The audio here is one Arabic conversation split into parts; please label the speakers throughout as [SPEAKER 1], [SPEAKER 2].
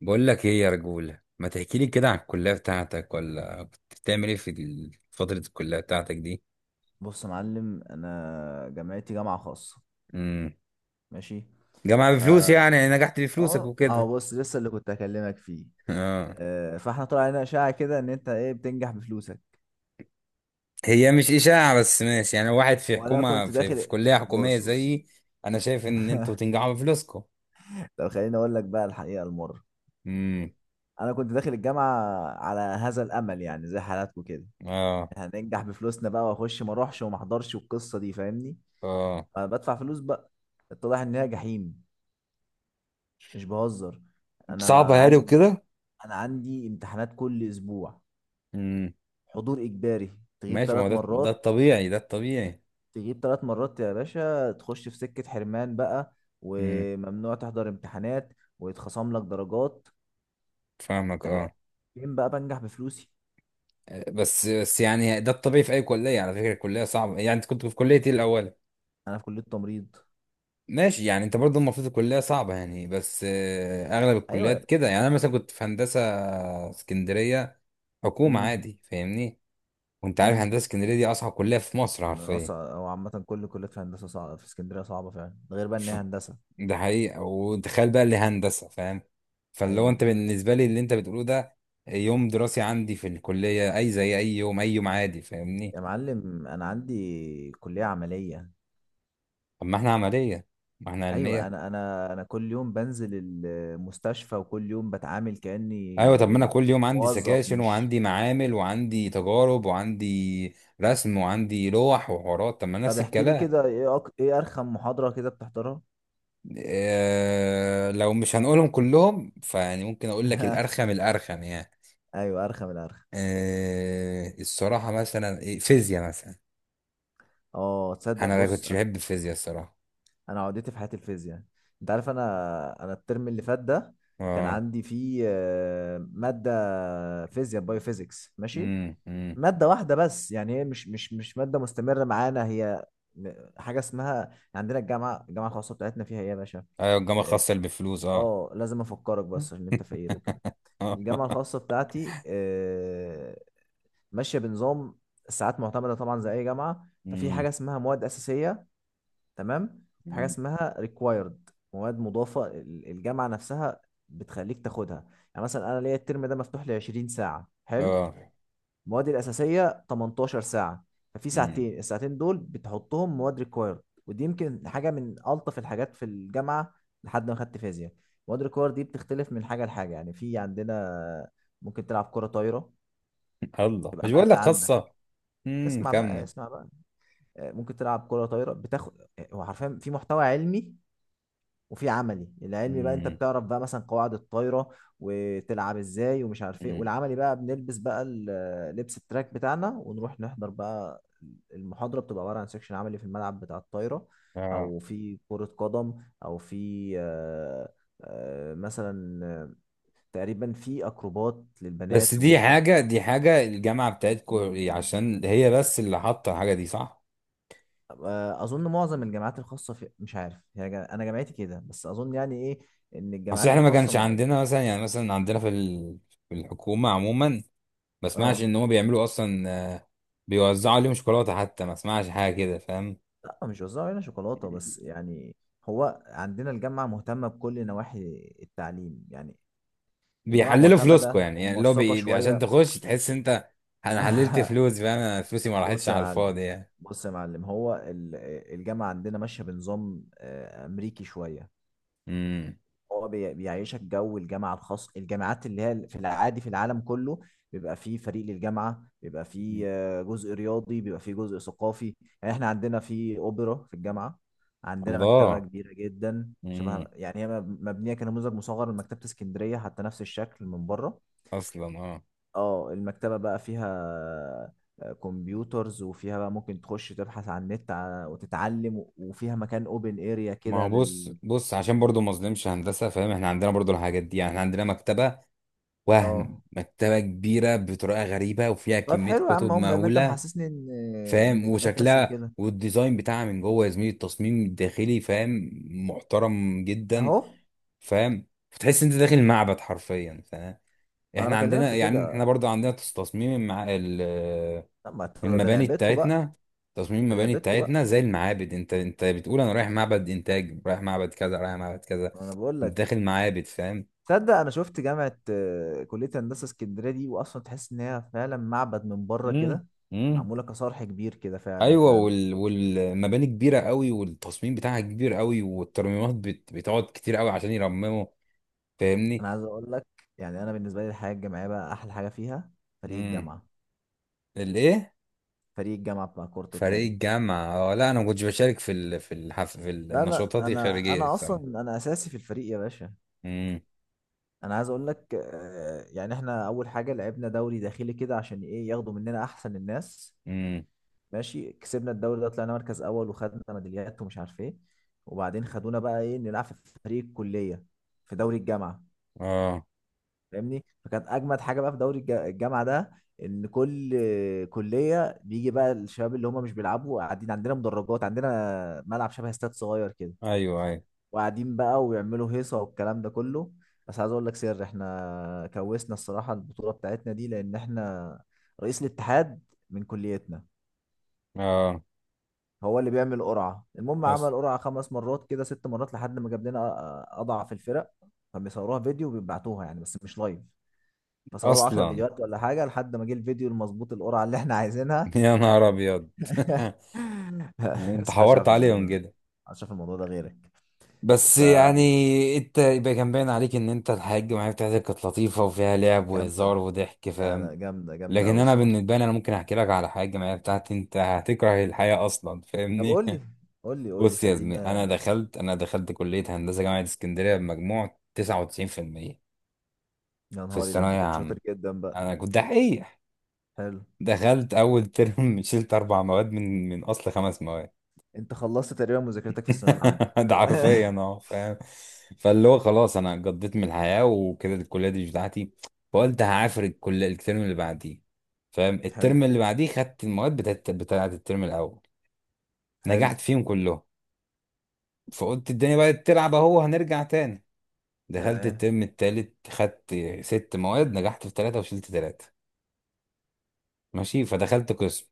[SPEAKER 1] بقول لك ايه يا رجولة، ما تحكي لي كده عن الكلية بتاعتك، ولا كنت بتعمل ايه في فترة الكلية بتاعتك دي؟
[SPEAKER 2] بص يا معلم، انا جامعتي جامعه خاصه.
[SPEAKER 1] امم.
[SPEAKER 2] ماشي.
[SPEAKER 1] جامعة بفلوس
[SPEAKER 2] فا
[SPEAKER 1] يعني نجحت بفلوسك
[SPEAKER 2] اه،
[SPEAKER 1] وكده.
[SPEAKER 2] بص لسه اللي كنت هكلمك فيه.
[SPEAKER 1] اه.
[SPEAKER 2] آه، فاحنا طلع علينا اشاعه كده ان انت ايه بتنجح بفلوسك.
[SPEAKER 1] هي مش إشاعة، بس ماشي، يعني واحد في
[SPEAKER 2] وانا
[SPEAKER 1] حكومة،
[SPEAKER 2] كنت
[SPEAKER 1] في
[SPEAKER 2] داخل.
[SPEAKER 1] كلية حكومية
[SPEAKER 2] بص بص.
[SPEAKER 1] زيي. انا شايف ان انتوا تنجحوا بفلوسكم.
[SPEAKER 2] طب خليني اقول لك بقى الحقيقه المره.
[SPEAKER 1] امم.
[SPEAKER 2] انا كنت داخل الجامعه على هذا الامل، يعني زي حالاتكم كده،
[SPEAKER 1] اه،
[SPEAKER 2] هننجح بفلوسنا بقى واخش ما اروحش وما احضرش والقصه دي، فاهمني؟
[SPEAKER 1] اه.
[SPEAKER 2] انا بدفع فلوس بقى. اتضح ان هي جحيم، مش بهزر.
[SPEAKER 1] صعبة
[SPEAKER 2] انا
[SPEAKER 1] يعني
[SPEAKER 2] عندي
[SPEAKER 1] وكده.
[SPEAKER 2] انا عندي امتحانات كل اسبوع،
[SPEAKER 1] امم.
[SPEAKER 2] حضور اجباري. تغيب
[SPEAKER 1] ماشي، ما
[SPEAKER 2] ثلاث
[SPEAKER 1] هو ده
[SPEAKER 2] مرات
[SPEAKER 1] الطبيعي، ده الطبيعي.
[SPEAKER 2] تغيب ثلاث مرات يا باشا تخش في سكة حرمان بقى،
[SPEAKER 1] امم.
[SPEAKER 2] وممنوع تحضر امتحانات، ويتخصم لك درجات.
[SPEAKER 1] فاهمك،
[SPEAKER 2] طب
[SPEAKER 1] اه.
[SPEAKER 2] فين بقى بنجح بفلوسي؟
[SPEAKER 1] بس بس يعني، ده الطبيعي في اي كليه، على فكره الكليه صعبه يعني، انت كنت في كليه ايه الاول؟
[SPEAKER 2] انا في كلية تمريض.
[SPEAKER 1] ماشي، يعني انت برضه المفروض الكليه صعبه يعني، بس اغلب
[SPEAKER 2] ايوه يا.
[SPEAKER 1] الكليات كده، يعني انا مثلا كنت في هندسه اسكندريه. حكومه
[SPEAKER 2] امم
[SPEAKER 1] عادي، فاهمني. وانت عارف
[SPEAKER 2] امم.
[SPEAKER 1] هندسه اسكندريه دي اصعب كليه في مصر حرفيا.
[SPEAKER 2] اصعب او عامة كل كليات في هندسة صعبة، في اسكندرية صعبة فعلا، ده غير بقى ان
[SPEAKER 1] ف-
[SPEAKER 2] هي هندسة.
[SPEAKER 1] ده حقيقه، وتخيل بقى اللي هندسه، فاهم. فاللي هو
[SPEAKER 2] ايوه
[SPEAKER 1] انت بالنسبه لي اللي انت بتقوله ده، يوم دراسي عندي في الكليه اي زي اي يوم، اي يوم عادي، فاهمني.
[SPEAKER 2] يا معلم، انا عندي كلية عملية.
[SPEAKER 1] طب ما احنا عمليه، ما احنا
[SPEAKER 2] ايوه،
[SPEAKER 1] علميه.
[SPEAKER 2] انا كل يوم بنزل المستشفى وكل يوم بتعامل
[SPEAKER 1] ايوه، طب ما انا
[SPEAKER 2] كاني
[SPEAKER 1] كل يوم عندي
[SPEAKER 2] موظف،
[SPEAKER 1] سكاشن،
[SPEAKER 2] مش؟
[SPEAKER 1] وعندي معامل، وعندي تجارب، وعندي رسم، وعندي لوح، وحوارات، طب ما
[SPEAKER 2] طب
[SPEAKER 1] نفس
[SPEAKER 2] احكي لي
[SPEAKER 1] الكلام.
[SPEAKER 2] كده، ايه ايه ارخم محاضره كده بتحضرها؟
[SPEAKER 1] آه، لو مش هنقولهم كلهم فيعني ممكن اقول لك الارخم، الارخم يعني.
[SPEAKER 2] ايوه، ارخم الارخم.
[SPEAKER 1] آه الصراحه مثلا فيزياء مثلا.
[SPEAKER 2] اه، تصدق،
[SPEAKER 1] انا ما
[SPEAKER 2] بص،
[SPEAKER 1] كنتش بحب الفيزياء الصراحه.
[SPEAKER 2] انا عقدتي في حياتي الفيزياء. انت عارف، انا الترم اللي فات ده كان
[SPEAKER 1] اه.
[SPEAKER 2] عندي فيه ماده فيزياء بايو فيزيكس ماشي.
[SPEAKER 1] امم، امم.
[SPEAKER 2] ماده واحده بس، يعني هي مش ماده مستمره معانا، هي م- حاجه اسمها عندنا، الجامعه، الخاصه بتاعتنا فيها ايه يا باشا.
[SPEAKER 1] ايوه الجامعه
[SPEAKER 2] اه.
[SPEAKER 1] الخاصه اللي بفلوس، اه.
[SPEAKER 2] آه، لازم افكرك بس عشان انت فقير وكده. الجامعه الخاصه بتاعتي ماشيه بنظام ساعات معتمده، طبعا زي اي جامعه. ففي حاجه
[SPEAKER 1] امم.
[SPEAKER 2] اسمها مواد اساسيه، تمام. في حاجه
[SPEAKER 1] أمم.
[SPEAKER 2] اسمها ريكوايرد، مواد مضافه الجامعه نفسها بتخليك تاخدها. يعني مثلا انا ليا الترم ده مفتوح لي 20 ساعه، حلو.
[SPEAKER 1] اه.
[SPEAKER 2] المواد الاساسيه 18 ساعه، ففي
[SPEAKER 1] امم.
[SPEAKER 2] ساعتين. الساعتين دول بتحطهم مواد ريكوايرد، ودي يمكن حاجه من الطف الحاجات في الجامعه، لحد ما خدت فيزياء. مواد ريكوايرد دي بتختلف من حاجه لحاجه. يعني في عندنا ممكن تلعب كره طايره
[SPEAKER 1] الله، مش
[SPEAKER 2] تبقى
[SPEAKER 1] بقول
[SPEAKER 2] ماده
[SPEAKER 1] لك
[SPEAKER 2] عندك.
[SPEAKER 1] خاصه. امم،
[SPEAKER 2] اسمع بقى،
[SPEAKER 1] كمل.
[SPEAKER 2] اسمع بقى. آه، ممكن تلعب كره طايره، بتاخد آه، هو حرفيا في محتوى علمي، وفي عملي. العلمي بقى انت بتعرف بقى مثلا قواعد الطايره وتلعب ازاي ومش عارف ايه.
[SPEAKER 1] امم.
[SPEAKER 2] والعملي بقى بنلبس بقى لبس التراك بتاعنا ونروح نحضر بقى. المحاضره بتبقى عباره عن سيكشن عملي في الملعب بتاع الطايره،
[SPEAKER 1] اه.
[SPEAKER 2] او في كره قدم، او في مثلا تقريبا في اكروبات
[SPEAKER 1] بس
[SPEAKER 2] للبنات
[SPEAKER 1] دي
[SPEAKER 2] ومش عارف.
[SPEAKER 1] حاجة دي حاجة الجامعة بتاعتكو، عشان هي بس اللي حاطة الحاجة دي صح؟
[SPEAKER 2] آه، اظن معظم الجامعات الخاصه في، مش عارف، هي انا جامعتي كده، بس اظن يعني ايه ان
[SPEAKER 1] أصل
[SPEAKER 2] الجامعات
[SPEAKER 1] إحنا ما
[SPEAKER 2] الخاصه
[SPEAKER 1] كانش عندنا مثلا، يعني مثلا عندنا في في الحكومة عموما، ما اسمعش
[SPEAKER 2] اه.
[SPEAKER 1] إن هما بيعملوا أصلا. آه، بيوزعوا عليهم شوكولاتة حتى، ما اسمعش حاجة كده فاهم؟
[SPEAKER 2] لا، مش وزعوا علينا شوكولاتة، بس يعني هو عندنا الجامعة مهتمة بكل نواحي التعليم يعني، الجامعة
[SPEAKER 1] بيحللوا فلوسكو
[SPEAKER 2] معتمدة
[SPEAKER 1] يعني اللي هو
[SPEAKER 2] وموثقة
[SPEAKER 1] عشان
[SPEAKER 2] شوية.
[SPEAKER 1] تخش تحس أنت. أنا حللت فلوس فاهم؟ أنا فلوسي ما راحتش
[SPEAKER 2] بص يا
[SPEAKER 1] على
[SPEAKER 2] معلم،
[SPEAKER 1] الفاضي يعني.
[SPEAKER 2] بص يا معلم، هو الجامعة عندنا ماشية بنظام أمريكي شوية،
[SPEAKER 1] امم.
[SPEAKER 2] هو بيعيشك جو الجامعة الخاص، الجامعات اللي هي في العادي في العالم كله. بيبقى فيه فريق للجامعة، بيبقى فيه آه، جزء رياضي، بيبقى فيه جزء ثقافي. يعني احنا عندنا في أوبرا في الجامعة. عندنا مكتبة
[SPEAKER 1] الله.
[SPEAKER 2] كبيرة جدا، شبه
[SPEAKER 1] امم.
[SPEAKER 2] يعني هي مبنية كنموذج مصغر لمكتبة اسكندرية، حتى نفس الشكل من بره.
[SPEAKER 1] أصلا، أه.
[SPEAKER 2] اه، المكتبة بقى فيها آه، كمبيوترز، وفيها بقى ممكن تخش تبحث عن النت وتتعلم، وفيها مكان اوبن اريا
[SPEAKER 1] ما هو
[SPEAKER 2] كده
[SPEAKER 1] بص
[SPEAKER 2] لل.
[SPEAKER 1] بص، عشان برضو ما اظلمش هندسه، فاهم؟ احنا عندنا برضو الحاجات دي يعني، احنا عندنا مكتبه، وهم
[SPEAKER 2] اه،
[SPEAKER 1] مكتبه كبيره بطريقه غريبه، وفيها
[SPEAKER 2] طب
[SPEAKER 1] كميه
[SPEAKER 2] حلو يا
[SPEAKER 1] كتب
[SPEAKER 2] عم، هم ما انت
[SPEAKER 1] مهوله.
[SPEAKER 2] محسسني ان
[SPEAKER 1] فاهم؟
[SPEAKER 2] ان جامعتي بس اللي
[SPEAKER 1] وشكلها
[SPEAKER 2] كده.
[SPEAKER 1] والديزاين بتاعها من جوه يا زميلي، التصميم الداخلي فاهم، محترم جدا.
[SPEAKER 2] اهو.
[SPEAKER 1] فاهم؟ فتحس انت داخل معبد حرفيا، فاهم؟
[SPEAKER 2] ما انا
[SPEAKER 1] احنا
[SPEAKER 2] بكلمك
[SPEAKER 1] عندنا
[SPEAKER 2] في
[SPEAKER 1] يعني، احنا
[SPEAKER 2] كده.
[SPEAKER 1] برضو عندنا تصميم مع
[SPEAKER 2] طب ما ت- ده
[SPEAKER 1] المباني
[SPEAKER 2] لعبتكم بقى،
[SPEAKER 1] بتاعتنا، تصميم
[SPEAKER 2] ده
[SPEAKER 1] المباني
[SPEAKER 2] لعبتكم بقى.
[SPEAKER 1] بتاعتنا زي المعابد، انت بتقول انا رايح معبد انتاج، رايح معبد كذا، رايح معبد كذا.
[SPEAKER 2] انا بقول
[SPEAKER 1] انت
[SPEAKER 2] لك،
[SPEAKER 1] داخل معابد، فاهم؟
[SPEAKER 2] تصدق انا شفت جامعه آه، كليه هندسه اسكندريه دي، واصلا تحس ان هي فعلا معبد من بره
[SPEAKER 1] امم.
[SPEAKER 2] كده،
[SPEAKER 1] امم.
[SPEAKER 2] معموله كصرح كبير كده، فعلا
[SPEAKER 1] ايوه،
[SPEAKER 2] فعلا.
[SPEAKER 1] والمباني كبيره قوي، والتصميم بتاعها كبير قوي، والترميمات بتقعد كتير قوي عشان يرمموا. فاهمني.
[SPEAKER 2] انا عايز اقول لك، يعني انا بالنسبه لي الحياه الجامعيه بقى احلى حاجه فيها فريق
[SPEAKER 1] امم.
[SPEAKER 2] الجامعه.
[SPEAKER 1] الايه؟
[SPEAKER 2] فريق الجامعه بتاع كره
[SPEAKER 1] فريق
[SPEAKER 2] القدم.
[SPEAKER 1] الجامعه، اه. لا انا ما كنتش بشارك في في في
[SPEAKER 2] لا لا،
[SPEAKER 1] النشاطات
[SPEAKER 2] انا
[SPEAKER 1] الخارجيه
[SPEAKER 2] انا
[SPEAKER 1] السنه.
[SPEAKER 2] اصلا انا اساسي في الفريق يا باشا.
[SPEAKER 1] امم.
[SPEAKER 2] انا عايز اقول لك آه، يعني احنا اول حاجه لعبنا دوري داخلي كده عشان ايه، ياخدوا مننا احسن الناس.
[SPEAKER 1] امم.
[SPEAKER 2] ماشي، كسبنا الدوري ده، طلعنا مركز اول وخدنا ميداليات ومش عارف ايه. وبعدين خدونا بقى ايه، نلعب في فريق الكليه في دوري الجامعه،
[SPEAKER 1] اه.
[SPEAKER 2] فاهمني؟ فكانت اجمد حاجه بقى في دوري الجامعه ده ان كل كليه بيجي بقى الشباب اللي هم مش بيلعبوا قاعدين، عندنا مدرجات، عندنا ملعب شبه استاد صغير كده،
[SPEAKER 1] ايوه، ايوه.
[SPEAKER 2] وقاعدين بقى ويعملوا هيصة والكلام ده كله. بس عايز اقول لك سر، احنا كوسنا الصراحة البطولة بتاعتنا دي، لان احنا رئيس الاتحاد من كليتنا،
[SPEAKER 1] اه.
[SPEAKER 2] هو اللي بيعمل قرعة. المهم،
[SPEAKER 1] أص...
[SPEAKER 2] عمل قرعة 5 مرات كده، 6 مرات، لحد ما جاب لنا اضعف الفرق. فبيصوروها فيديو وبيبعتوها، يعني بس مش لايف. فصوروا 10
[SPEAKER 1] اصلا.
[SPEAKER 2] فيديوهات ولا حاجة لحد ما جه الفيديو المظبوط، القرعة اللي احنا عايزينها.
[SPEAKER 1] يا نهار ابيض. انت
[SPEAKER 2] بس محدش
[SPEAKER 1] حورت
[SPEAKER 2] عارف الموضوع ده،
[SPEAKER 1] عليهم كده.
[SPEAKER 2] محدش عارف الموضوع ده غيرك،
[SPEAKER 1] بس
[SPEAKER 2] فجامدة.
[SPEAKER 1] يعني، انت يبقى كان باين عليك ان انت الحاجة معايا بتاعتك كانت لطيفة وفيها لعب وهزار وضحك،
[SPEAKER 2] لا
[SPEAKER 1] فاهم؟
[SPEAKER 2] لا، جامدة جامدة
[SPEAKER 1] لكن
[SPEAKER 2] أوي
[SPEAKER 1] انا
[SPEAKER 2] الصراحة.
[SPEAKER 1] بالنسبة لي، انا ممكن احكي لك على حاجة معايا بتاعتي، انت هتكره الحياة اصلا،
[SPEAKER 2] طب
[SPEAKER 1] فاهمني.
[SPEAKER 2] قول لي، قول لي قول لي
[SPEAKER 1] بص يا زميلي، انا
[SPEAKER 2] خلينا.
[SPEAKER 1] دخلت انا دخلت كلية هندسة جامعة اسكندرية بمجموع 99% في المية،
[SPEAKER 2] يا
[SPEAKER 1] في
[SPEAKER 2] نهاري ده، انت
[SPEAKER 1] الثانوية
[SPEAKER 2] كنت
[SPEAKER 1] عامة.
[SPEAKER 2] شاطر جدا بقى.
[SPEAKER 1] انا كنت دحيح.
[SPEAKER 2] حلو.
[SPEAKER 1] دخلت اول ترم، شلت اربع مواد من اصل خمس.
[SPEAKER 2] انت خلصت تقريبا مذاكرتك في الثانويه العامه.
[SPEAKER 1] ده حرفيا، اه فاهم. فاللي هو خلاص، انا قضيت من الحياه وكده الكليه دي مش بتاعتي. فقلت هعافر الكليه الترم اللي بعديه. فاهم؟
[SPEAKER 2] حلو
[SPEAKER 1] الترم اللي بعديه خدت المواد بتاعت الترم الاول،
[SPEAKER 2] حلو.
[SPEAKER 1] نجحت فيهم كلهم. فقلت الدنيا بقت تلعب اهو، هنرجع تاني. دخلت
[SPEAKER 2] تمام.
[SPEAKER 1] الترم التالت، خدت ست مواد نجحت في ثلاثه وشلت ثلاثه. ماشي، فدخلت قسم.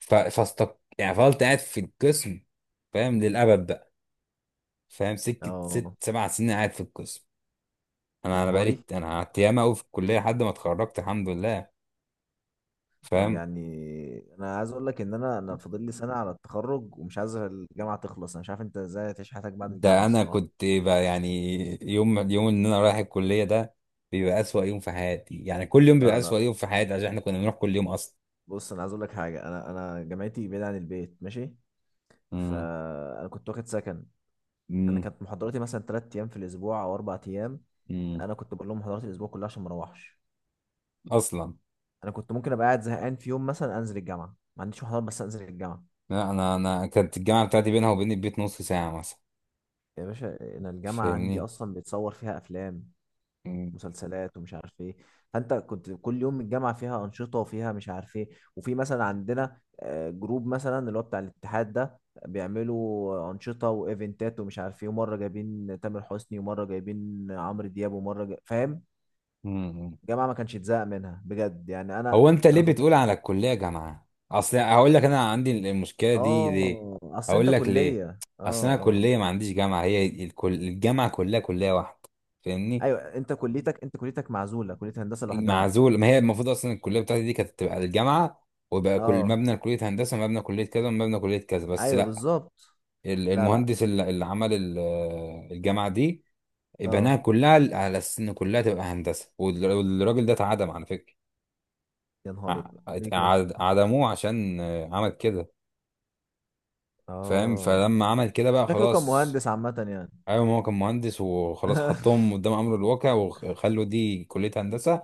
[SPEAKER 1] ف... فاستق يعني فضلت قاعد في القسم فاهم، للابد بقى. فاهم؟ سكه ست
[SPEAKER 2] اه.
[SPEAKER 1] سبع سنين قاعد في القسم. انا
[SPEAKER 2] يا
[SPEAKER 1] انا بقالي
[SPEAKER 2] نهاري.
[SPEAKER 1] انا قعدت ياما قوي في الكليه لحد ما اتخرجت، الحمد لله.
[SPEAKER 2] طب
[SPEAKER 1] فاهم؟
[SPEAKER 2] يعني انا عايز اقول لك ان انا فاضل لي سنه على التخرج، ومش عايز الجامعه تخلص. انا مش عارف انت ازاي هتعيش حياتك بعد الجامعه
[SPEAKER 1] ده انا
[SPEAKER 2] الصراحه.
[SPEAKER 1] كنت بقى يعني، يوم اليوم ان انا رايح الكليه ده بيبقى اسوأ يوم في حياتي يعني، كل يوم بيبقى
[SPEAKER 2] لا
[SPEAKER 1] اسوأ
[SPEAKER 2] لا،
[SPEAKER 1] يوم في حياتي، عشان احنا كنا بنروح كل يوم اصلا.
[SPEAKER 2] بص، انا عايز اقول لك حاجه، انا جامعتي بعيده عن البيت ماشي.
[SPEAKER 1] امم.
[SPEAKER 2] فانا كنت واخد سكن. انا
[SPEAKER 1] امم.
[SPEAKER 2] كانت محاضراتي مثلا 3 ايام في الاسبوع او 4 ايام،
[SPEAKER 1] امم.
[SPEAKER 2] انا كنت بقول لهم محاضرات الاسبوع كلها عشان ما اروحش.
[SPEAKER 1] اصلا.
[SPEAKER 2] انا كنت ممكن ابقى قاعد زهقان في يوم مثلا، انزل الجامعه ما عنديش محاضرات بس انزل الجامعه.
[SPEAKER 1] لا، انا كانت الجامعه بتاعتي بينها وبين البيت نص ساعه مثلا.
[SPEAKER 2] يا باشا، انا الجامعه عندي
[SPEAKER 1] فاهمني.
[SPEAKER 2] اصلا بيتصور فيها افلام، مسلسلات ومش عارف ايه. فانت كنت كل يوم، الجامعه فيها انشطه وفيها مش عارف ايه، وفي مثلا عندنا آه، جروب مثلا اللي هو بتاع الاتحاد ده، بيعملوا انشطه وايفنتات ومش عارف ايه، ومره جايبين تامر حسني ومره جايبين عمرو دياب فاهم؟
[SPEAKER 1] امم.
[SPEAKER 2] الجامعه ما كانش اتزهق منها بجد، يعني
[SPEAKER 1] هو
[SPEAKER 2] انا
[SPEAKER 1] انت ليه
[SPEAKER 2] انا فضلت.
[SPEAKER 1] بتقول على الكليه جامعه؟ اصل هقول لك انا عندي المشكله دي ليه،
[SPEAKER 2] اه. اصل انت
[SPEAKER 1] هقول لك ليه.
[SPEAKER 2] كليه. اه
[SPEAKER 1] اصل انا
[SPEAKER 2] اه.
[SPEAKER 1] كليه ما عنديش جامعه، هي الجامعه كلها كليه واحده. فاهمني.
[SPEAKER 2] ايوه، انت كليتك، انت كليتك معزوله، كليه هندسه لوحدها.
[SPEAKER 1] معزول، ما هي المفروض اصلا الكليه بتاعتي دي كانت تبقى الجامعه، وبقى كل
[SPEAKER 2] اه.
[SPEAKER 1] مبنى كليه هندسه، مبنى كليه كذا، مبنى كليه كذا، بس
[SPEAKER 2] ايوه
[SPEAKER 1] لا.
[SPEAKER 2] بالظبط. لا لا.
[SPEAKER 1] المهندس اللي عمل الجامعه دي، بناها
[SPEAKER 2] اه.
[SPEAKER 1] كلها على اساس ان كلها تبقى هندسه، والراجل ده اتعدم على فكره.
[SPEAKER 2] يا نهار ابيض، ليه كده؟
[SPEAKER 1] عدموه عشان عمل كده، فاهم؟
[SPEAKER 2] اه.
[SPEAKER 1] فلما عمل كده بقى
[SPEAKER 2] شكله كان
[SPEAKER 1] خلاص.
[SPEAKER 2] مهندس عامه يعني.
[SPEAKER 1] ايوه، ما هو كان مهندس وخلاص، حطهم قدام امر الواقع وخلوا دي كليه هندسه.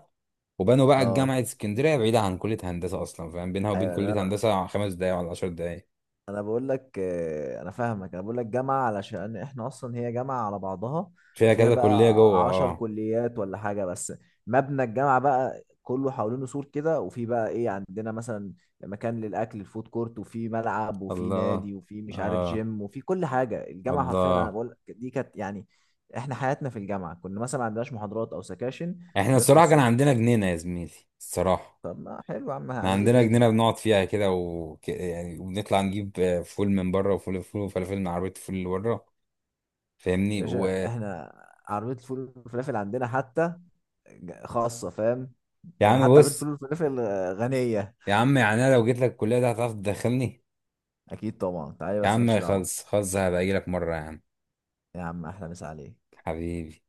[SPEAKER 1] وبنوا بقى
[SPEAKER 2] اه.
[SPEAKER 1] جامعه اسكندريه بعيده عن كليه هندسه اصلا، فاهم؟ بينها وبين
[SPEAKER 2] ايوه.
[SPEAKER 1] كليه
[SPEAKER 2] انا
[SPEAKER 1] هندسه 5 دقايق ولا 10 دقايق.
[SPEAKER 2] انا بقول لك آه، انا فاهمك، انا بقول لك جامعه علشان احنا اصلا هي جامعه على بعضها،
[SPEAKER 1] فيها
[SPEAKER 2] وفيها
[SPEAKER 1] كذا
[SPEAKER 2] بقى
[SPEAKER 1] كليه جوه،
[SPEAKER 2] عشر
[SPEAKER 1] اه.
[SPEAKER 2] كليات ولا حاجه، بس مبنى الجامعه بقى كله حوالينه سور كده، وفي بقى ايه، عندنا مثلا مكان للاكل الفود كورت، وفي ملعب، وفي
[SPEAKER 1] الله.
[SPEAKER 2] نادي، وفي مش عارف
[SPEAKER 1] اه.
[SPEAKER 2] جيم، وفي كل حاجه. الجامعه حرفيا، انا
[SPEAKER 1] الله.
[SPEAKER 2] بقول لك دي كانت يعني احنا حياتنا في الجامعه، كنا مثلا ما عندناش محاضرات او سكاشن،
[SPEAKER 1] احنا
[SPEAKER 2] نصحى
[SPEAKER 1] الصراحه كان
[SPEAKER 2] الصبح.
[SPEAKER 1] عندنا جنينه يا زميلي، الصراحه.
[SPEAKER 2] طب ما حلو يا عم،
[SPEAKER 1] احنا
[SPEAKER 2] عايز ايه
[SPEAKER 1] عندنا
[SPEAKER 2] تاني؟
[SPEAKER 1] جنينه بنقعد فيها كده يعني وبنطلع نجيب فول من بره، وفول فول وفلافل من عربيه الفول اللي بره.
[SPEAKER 2] يا
[SPEAKER 1] فاهمني.
[SPEAKER 2] باشا،
[SPEAKER 1] ويا
[SPEAKER 2] احنا عربيه الفول والفلافل عندنا حتى خاصه، فاهم؟ يعني
[SPEAKER 1] عم
[SPEAKER 2] حتى عربيه
[SPEAKER 1] بص،
[SPEAKER 2] الفول والفلافل آه، غنيه.
[SPEAKER 1] يا عم يعني انا لو جيت لك الكليه دي هتعرف تدخلني؟
[SPEAKER 2] اكيد طبعا تعالي،
[SPEAKER 1] يا
[SPEAKER 2] بس مالكش
[SPEAKER 1] عم
[SPEAKER 2] دعوه.
[SPEAKER 1] خلص خلص، هبقى اجي لك مره يا عم.
[SPEAKER 2] يا عم احلى مسا عليك.
[SPEAKER 1] حبيبي.